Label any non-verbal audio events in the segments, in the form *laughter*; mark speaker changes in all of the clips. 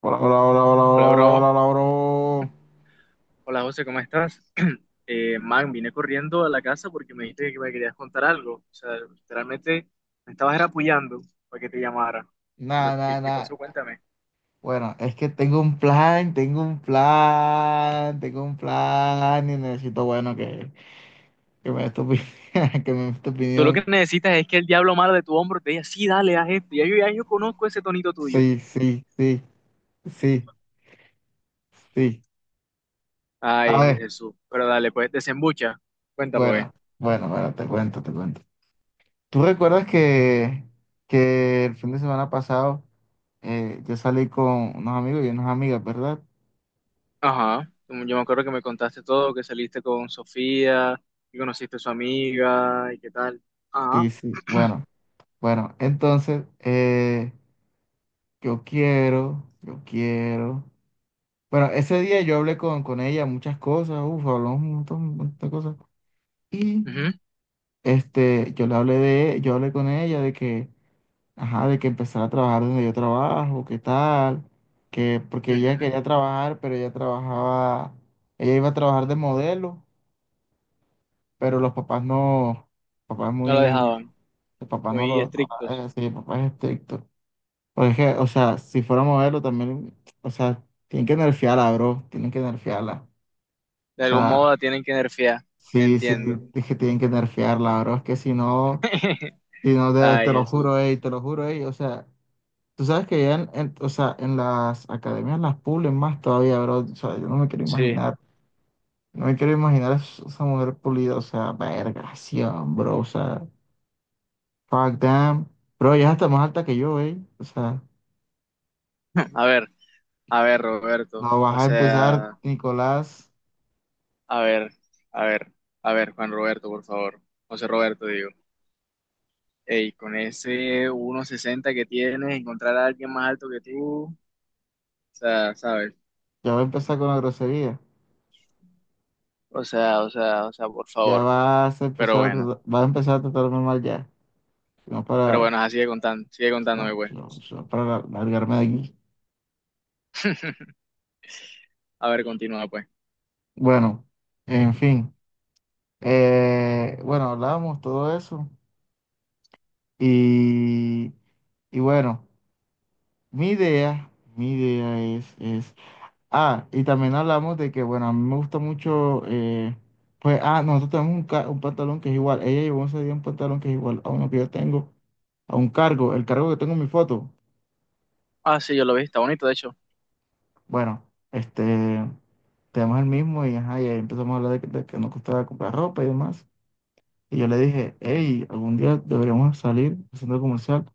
Speaker 1: Hola, hola, hola, hola, hola,
Speaker 2: Hola,
Speaker 1: hola,
Speaker 2: bro.
Speaker 1: hola, hola, bro.
Speaker 2: Hola, José, ¿cómo estás? *clears throat* Man, vine corriendo a la casa porque me dijiste que me querías contar algo. O sea, literalmente me estabas era apoyando para que te llamara. ¿Qué, me-
Speaker 1: Nada, nada,
Speaker 2: qué- qué pasó?
Speaker 1: nada.
Speaker 2: Cuéntame.
Speaker 1: Bueno, es que tengo un plan, tengo un plan, tengo un plan y necesito, bueno, que me des tu opinión, *laughs* que me des tu
Speaker 2: Tú lo que
Speaker 1: opinión.
Speaker 2: necesitas es que el diablo malo de tu hombro te diga, sí, dale, haz esto. Ya yo conozco ese tonito tuyo.
Speaker 1: Sí, sí, sí, sí, sí. A
Speaker 2: Ay,
Speaker 1: ver,
Speaker 2: Jesús. Pero dale, pues, desembucha. Cuéntame, pues.
Speaker 1: bueno, bueno, bueno, te cuento, te cuento. ¿Tú recuerdas que, el fin de semana pasado yo salí con unos amigos y unas amigas, verdad?
Speaker 2: Ajá. Yo me acuerdo que me contaste todo, que saliste con Sofía, que conociste a su amiga y qué tal.
Speaker 1: Sí,
Speaker 2: Ajá.
Speaker 1: sí, bueno, bueno, entonces yo quiero, yo quiero. Bueno, ese día yo hablé con ella muchas cosas. Uff, hablamos un montón de cosas. Y
Speaker 2: Ujú,
Speaker 1: yo le hablé de, yo hablé con ella de que, ajá, de que empezara a trabajar donde yo trabajo, qué tal, que, porque ella
Speaker 2: ujú.
Speaker 1: quería trabajar, pero ella trabajaba, ella iba a trabajar de modelo, pero los papás no, papás
Speaker 2: No la
Speaker 1: muy,
Speaker 2: dejaban.
Speaker 1: el papá
Speaker 2: Muy
Speaker 1: no la
Speaker 2: estrictos.
Speaker 1: deja. Sí, el papá es estricto. O es que, o sea, si fuera modelo también, o sea, tienen que nerfearla, bro. Tienen que nerfearla.
Speaker 2: De
Speaker 1: O
Speaker 2: algún
Speaker 1: sea,
Speaker 2: modo la tienen que nerfear,
Speaker 1: sí, sí,
Speaker 2: entiendo.
Speaker 1: es que tienen que nerfearla, bro. Es que si no,
Speaker 2: *laughs*
Speaker 1: si no, te,
Speaker 2: Ay,
Speaker 1: te lo
Speaker 2: Jesús.
Speaker 1: juro, ey, te lo juro, ey. O sea, tú sabes que ya o sea, en las academias las pulen más todavía, bro. O sea, yo no me quiero
Speaker 2: Sí.
Speaker 1: imaginar, no me quiero imaginar esa mujer pulida, o sea, vergación, bro. O sea, fuck damn. Bro, ya está más alta que yo, ey. O sea,
Speaker 2: A ver, a ver, Roberto.
Speaker 1: no vas
Speaker 2: O
Speaker 1: a empezar,
Speaker 2: sea,
Speaker 1: Nicolás.
Speaker 2: a ver, a ver, a ver, Juan Roberto, por favor. José Roberto, digo. Ey, con ese uno sesenta que tienes, encontrar a alguien más alto que tú, o sea, ¿sabes?
Speaker 1: Ya va a empezar con la grosería.
Speaker 2: O sea, o sea, o sea, por
Speaker 1: Ya
Speaker 2: favor.
Speaker 1: vas a
Speaker 2: Pero
Speaker 1: empezar
Speaker 2: bueno,
Speaker 1: vas a empezar a tratarme mal ya. No
Speaker 2: pero
Speaker 1: para,
Speaker 2: bueno, ajá, sigue contando, sigue contándome,
Speaker 1: no,
Speaker 2: güey.
Speaker 1: no, no para largarme de aquí.
Speaker 2: *laughs* A ver, continúa, pues.
Speaker 1: Bueno, en fin. Bueno, hablamos todo eso. Y, y bueno, mi idea, mi idea es. Ah, y también hablamos de que, bueno, a mí me gusta mucho. Pues, ah, nosotros tenemos un pantalón que es igual. Ella llevó ese día un pantalón que es igual a uno que yo tengo, a un cargo. El cargo que tengo en mi foto.
Speaker 2: Ah, sí, yo lo vi, está bonito, de hecho.
Speaker 1: Bueno, este, tenemos el mismo y, ajá, y ahí empezamos a hablar de que nos costaba comprar ropa y demás. Y yo le dije, hey, algún día deberíamos salir al centro comercial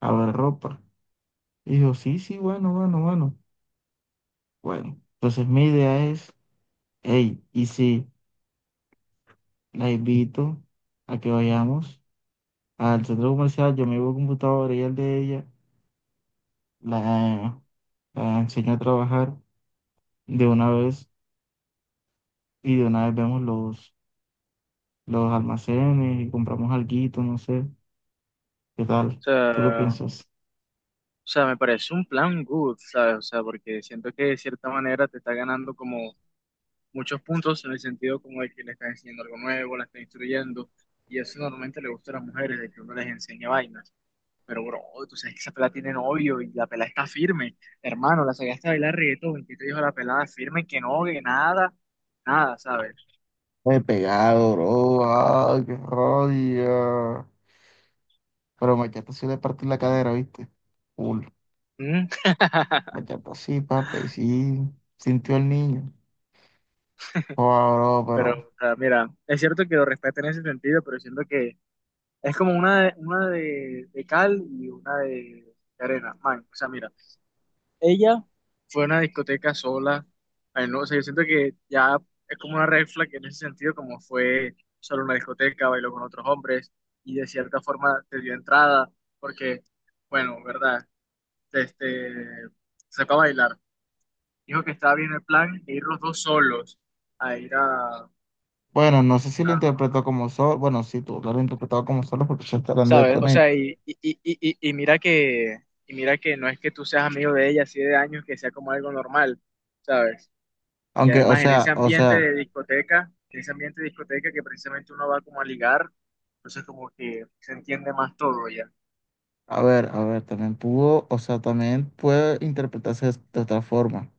Speaker 1: a ver ropa. Y dijo, sí, sí, bueno, bueno, bueno. Bueno, entonces mi idea es, hey, y si la invito a que vayamos al centro comercial, yo me llevo computadora y el de ella, la, la enseño a trabajar de una vez y de una vez vemos los almacenes y compramos alguito, no sé, ¿qué tal? ¿Tú qué
Speaker 2: sea,
Speaker 1: piensas?
Speaker 2: O sea, me parece un plan good, ¿sabes? O sea, porque siento que de cierta manera te está ganando como muchos puntos en el sentido como de que le estás enseñando algo nuevo, la estás instruyendo, y eso normalmente le gusta a las mujeres, de que uno les enseña vainas. Pero, bro, tú sabes que esa pelada tiene novio y la pelada está firme. Hermano, la sacaste a bailar reggaetón y que te dijo la pelada firme que no, que nada, nada, ¿sabes?
Speaker 1: Me he pegado, bro. Ay, qué rabia. Pero Machata sí le partí la cadera, ¿viste? Full.
Speaker 2: Mm,
Speaker 1: Machata sí, papi, y sí. Sintió el niño. Joda, bro,
Speaker 2: Pero,
Speaker 1: pero.
Speaker 2: o sea, mira, es cierto que lo respeto en ese sentido, pero siento que es como una de cal y una de arena. Man, o sea, mira, ella fue a una discoteca sola. Ay, no, o sea, yo siento que ya es como una red flag en ese sentido, como fue solo una discoteca, bailó con otros hombres y de cierta forma te dio entrada, porque, bueno, verdad, este, se fue a bailar. Dijo que estaba bien el plan de ir los dos solos a ir a,
Speaker 1: Bueno, no sé si lo
Speaker 2: a
Speaker 1: interpretó como solo. Bueno, sí, tú lo has interpretado como solo porque ya está hablando de
Speaker 2: ¿Sabes? O
Speaker 1: poner.
Speaker 2: sea, y mira que no es que tú seas amigo de ella así de años, que sea como algo normal, ¿sabes? Y
Speaker 1: Aunque,
Speaker 2: además en ese
Speaker 1: o
Speaker 2: ambiente
Speaker 1: sea,
Speaker 2: de discoteca, en ese ambiente de discoteca que precisamente uno va como a ligar, entonces como que se entiende más todo ya.
Speaker 1: a ver, también pudo, o sea, también puede interpretarse de otra forma.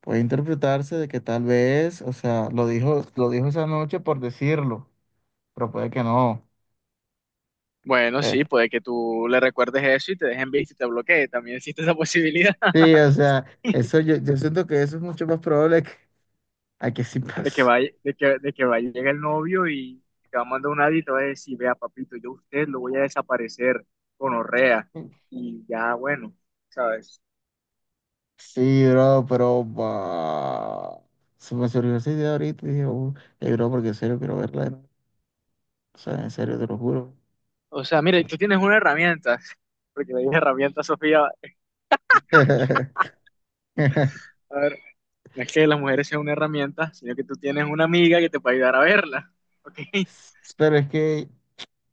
Speaker 1: Puede interpretarse de que tal vez, o sea, lo dijo esa noche por decirlo, pero puede que no.
Speaker 2: Bueno,
Speaker 1: Eh,
Speaker 2: sí, puede que tú le recuerdes eso y te dejen visto y te bloquee, también existe esa posibilidad.
Speaker 1: sí,
Speaker 2: *laughs*
Speaker 1: o sea, eso yo siento que eso es mucho más probable que, a que sí
Speaker 2: de que
Speaker 1: pase.
Speaker 2: va, de que, de que va a llegar el novio y te va a mandar un audio y te va a decir, vea, papito, yo a usted lo voy a desaparecer con orrea. Y ya, bueno, ¿sabes?
Speaker 1: Sí, bro, pero bah, se me surgió esa idea ahorita y dije, bro, porque en serio quiero verla de nuevo. O sea, en serio, te lo juro.
Speaker 2: O sea,
Speaker 1: O
Speaker 2: mire,
Speaker 1: sea,
Speaker 2: tú tienes una herramienta, *laughs* porque le dije herramienta, Sofía,
Speaker 1: *laughs*
Speaker 2: a ver, no es que las mujeres sean una herramienta, sino que tú tienes una amiga que te puede ayudar a verla, *laughs* ¿ok?
Speaker 1: pero es que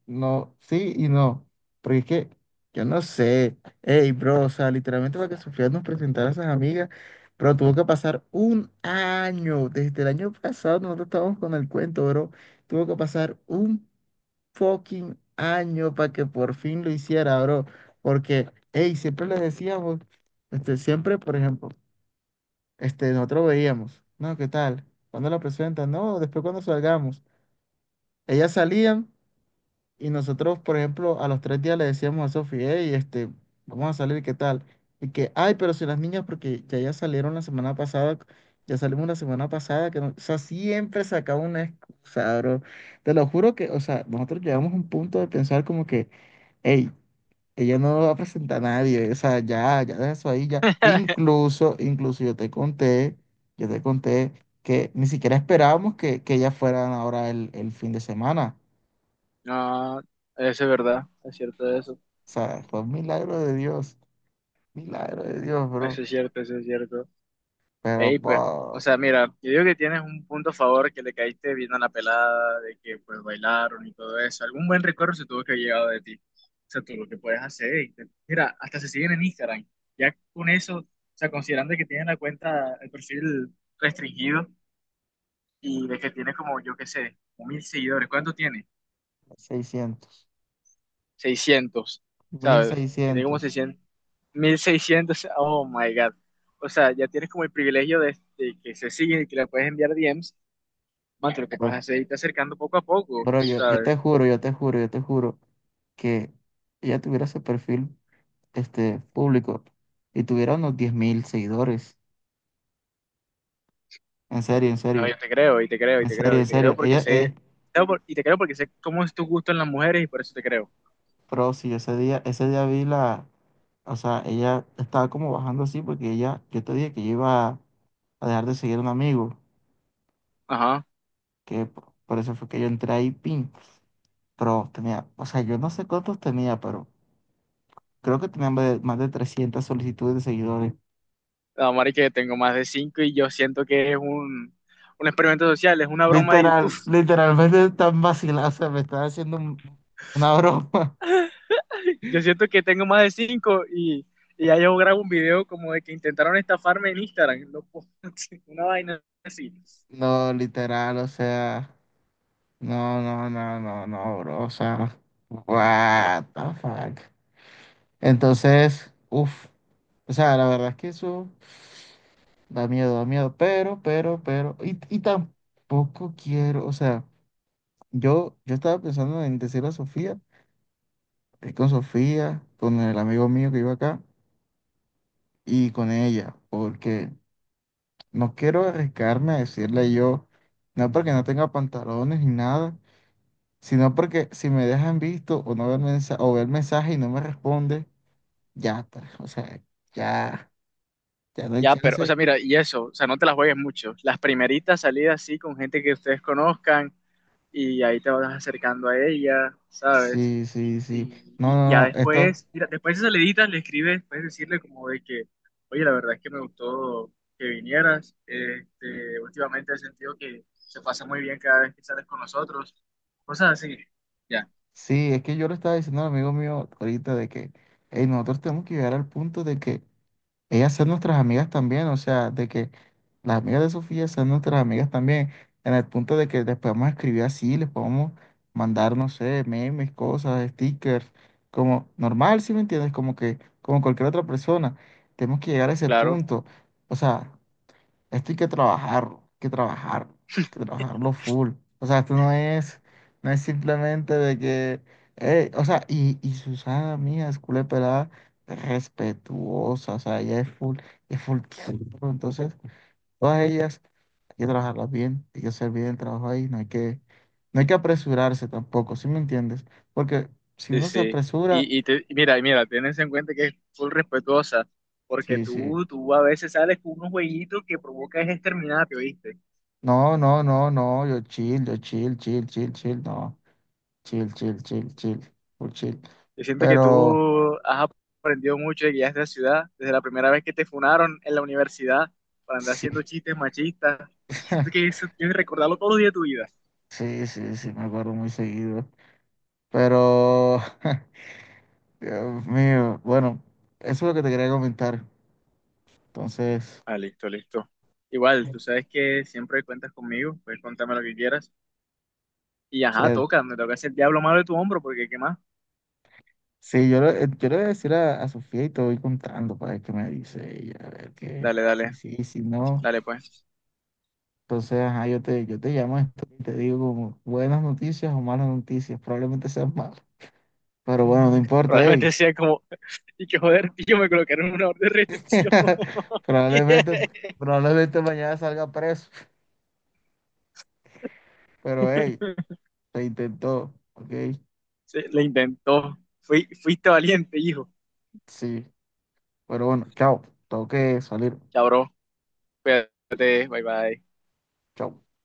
Speaker 1: no, sí y no. Porque es que yo no sé. Ey, bro, o sea, literalmente, para que Sofía nos presentara a esas amigas, pero tuvo que pasar un año. Desde el año pasado nosotros estábamos con el cuento, bro. Tuvo que pasar un fucking año para que por fin lo hiciera, bro. Porque, ey, siempre les decíamos, siempre, por ejemplo, nosotros veíamos, no, ¿qué tal? ¿Cuándo la presentan? No, después cuando salgamos. Ellas salían. Y nosotros, por ejemplo, a los 3 días le decíamos a Sofía, hey, vamos a salir, ¿qué tal? Y que, ay, pero si las niñas, porque ya salieron la semana pasada, ya salimos la semana pasada, que no, o sea, siempre sacaba una excusa, bro. Te lo juro que, o sea, nosotros llegamos a un punto de pensar como que, hey, ella no va a presentar a nadie, o sea, ya, ya deja eso ahí, ya. E incluso yo te conté que ni siquiera esperábamos que ellas fueran ahora el fin de semana.
Speaker 2: No, eso es verdad, es cierto eso,
Speaker 1: O sea, fue un milagro de Dios, bro.
Speaker 2: eso es cierto, eso es cierto.
Speaker 1: Pero,
Speaker 2: Ey,
Speaker 1: pa,
Speaker 2: pues, o sea, mira, yo digo que tienes un punto a favor que le caíste bien a la pelada, de que pues bailaron y todo eso. Algún buen recuerdo se tuvo que haber llegado de ti. O sea, tú lo que puedes hacer. Mira, hasta se siguen en Instagram. Ya con eso, o sea, considerando que tienen la cuenta, el perfil restringido y de que tiene como, yo qué sé, como 1.000 seguidores. ¿Cuánto tiene?
Speaker 1: 600,
Speaker 2: 600,
Speaker 1: mil
Speaker 2: ¿sabes? ¿Que tiene como
Speaker 1: seiscientos
Speaker 2: 600? 1.600. Oh my God. O sea, ya tienes como el privilegio de que se siguen y que le puedes enviar DMs. Mate, lo que
Speaker 1: Bro,
Speaker 2: pasa es que se está acercando poco a poco,
Speaker 1: bro, yo
Speaker 2: ¿sabes?
Speaker 1: te juro, yo te juro, yo te juro que ella tuviera ese perfil, público, y tuviera unos 10.000 seguidores. En serio, en
Speaker 2: No, yo
Speaker 1: serio,
Speaker 2: te creo, y te creo, y
Speaker 1: en
Speaker 2: te
Speaker 1: serio,
Speaker 2: creo,
Speaker 1: en
Speaker 2: y te creo
Speaker 1: serio.
Speaker 2: porque
Speaker 1: Ella es
Speaker 2: sé, no, por- y te creo porque sé cómo es tu gusto en las mujeres y por eso te creo.
Speaker 1: pro, sí, ese día vi la, o sea, ella estaba como bajando así porque ella, yo te dije que yo iba a dejar de seguir a un amigo.
Speaker 2: Ajá.
Speaker 1: que p- por eso fue que yo entré ahí, pin. Pero tenía, o sea, yo no sé cuántos tenía, pero creo que tenía más de 300 solicitudes de seguidores.
Speaker 2: No, Mari, que tengo más de cinco y yo siento que es un experimento social, es una broma de YouTube.
Speaker 1: Literal, literalmente están vacilando, o sea, me están haciendo una broma. *laughs*
Speaker 2: *laughs* Yo siento que tengo más de cinco y, ya yo grabo un video como de que intentaron estafarme en Instagram, loco. *laughs* Una vaina así.
Speaker 1: No, literal, o sea, no, no, no, no, no, bro, o sea, what the fuck. Entonces, uff, o sea, la verdad es que eso da miedo, pero, y tampoco quiero, o sea. Yo estaba pensando en decirle a Sofía, ir con Sofía, con el amigo mío que iba acá y con ella, porque no quiero arriesgarme a decirle yo, no porque no tenga pantalones ni nada, sino porque si me dejan visto o no ver mensaje, o ver mensaje y no me responde, ya está, o sea, ya, ya no hay
Speaker 2: Ya, pero, o
Speaker 1: chance.
Speaker 2: sea, mira, y eso, o sea, no te las juegues mucho. Las primeritas salidas sí con gente que ustedes conozcan y ahí te vas acercando a ella, ¿sabes?
Speaker 1: Sí, sí, sí.
Speaker 2: Y,
Speaker 1: No, no,
Speaker 2: ya
Speaker 1: no, esto,
Speaker 2: después, mira, después de esas saliditas le escribes, puedes decirle como de que, oye, la verdad es que me gustó que vinieras. Este, últimamente he sentido que se pasa muy bien cada vez que sales con nosotros. Cosas así. Ya,
Speaker 1: sí, es que yo le estaba diciendo al amigo mío ahorita de que, hey, nosotros tenemos que llegar al punto de que ellas sean nuestras amigas también, o sea, de que las amigas de Sofía sean nuestras amigas también, en el punto de que les podemos escribir así, les podemos mandar, no sé, memes, cosas, stickers, como normal, ¿si me entiendes? Como que, como cualquier otra persona, tenemos que llegar a ese
Speaker 2: claro.
Speaker 1: punto, o sea, esto hay que trabajarlo, hay que trabajarlo, hay que trabajarlo full. O sea, esto no es simplemente de que, o sea, y Susana mía es culé pelada, es respetuosa, o sea, ella es full tiempo. Entonces, todas ellas hay que trabajarlas bien, hay que hacer bien el trabajo ahí, no hay que apresurarse tampoco, ¿sí me entiendes? Porque si
Speaker 2: Sí,
Speaker 1: uno se
Speaker 2: sí.
Speaker 1: apresura,
Speaker 2: Y mira, tenés en cuenta que es full respetuosa, porque
Speaker 1: sí, sí.
Speaker 2: tú a veces sales con unos jueguitos que provoca es exterminarte, ¿oíste?
Speaker 1: No, no, no, no, yo chill, chill, chill, chill, no. Chill, chill, chill, chill, muy chill.
Speaker 2: Yo siento que
Speaker 1: Pero
Speaker 2: tú has aprendido mucho de guías de la ciudad, desde la primera vez que te funaron en la universidad para andar
Speaker 1: sí,
Speaker 2: haciendo chistes machistas. Siento
Speaker 1: *laughs*
Speaker 2: que eso tienes que recordarlo todos los días de tu vida.
Speaker 1: sí, sí, sí, me acuerdo muy seguido. Pero, *laughs* Dios mío, bueno, eso es lo que te quería comentar. Entonces,
Speaker 2: Ah, listo, listo. Igual,
Speaker 1: o
Speaker 2: tú sabes que siempre cuentas conmigo, puedes contarme lo que quieras. Y ajá,
Speaker 1: sea,
Speaker 2: toca, me toca hacer el diablo malo de tu hombro, porque ¿qué más?
Speaker 1: sí, yo le voy a decir a Sofía y te voy contando para ver qué me dice ella, a ver qué,
Speaker 2: Dale,
Speaker 1: sí,
Speaker 2: dale,
Speaker 1: sí, si no.
Speaker 2: dale pues.
Speaker 1: Entonces, ajá, yo te llamo esto y te digo como buenas noticias o malas noticias, probablemente sean malas. Pero bueno, no importa, hey,
Speaker 2: Probablemente sea como, y que joder, tío, me colocaron una orden de restricción.
Speaker 1: *laughs*
Speaker 2: *laughs* Yeah.
Speaker 1: Probablemente, probablemente mañana salga preso, pero hey, se intentó, ok,
Speaker 2: Le intentó. Fuiste valiente, hijo.
Speaker 1: sí, pero bueno, chao, tengo que salir,
Speaker 2: Chao, bro, cuídate, bye bye.
Speaker 1: chao.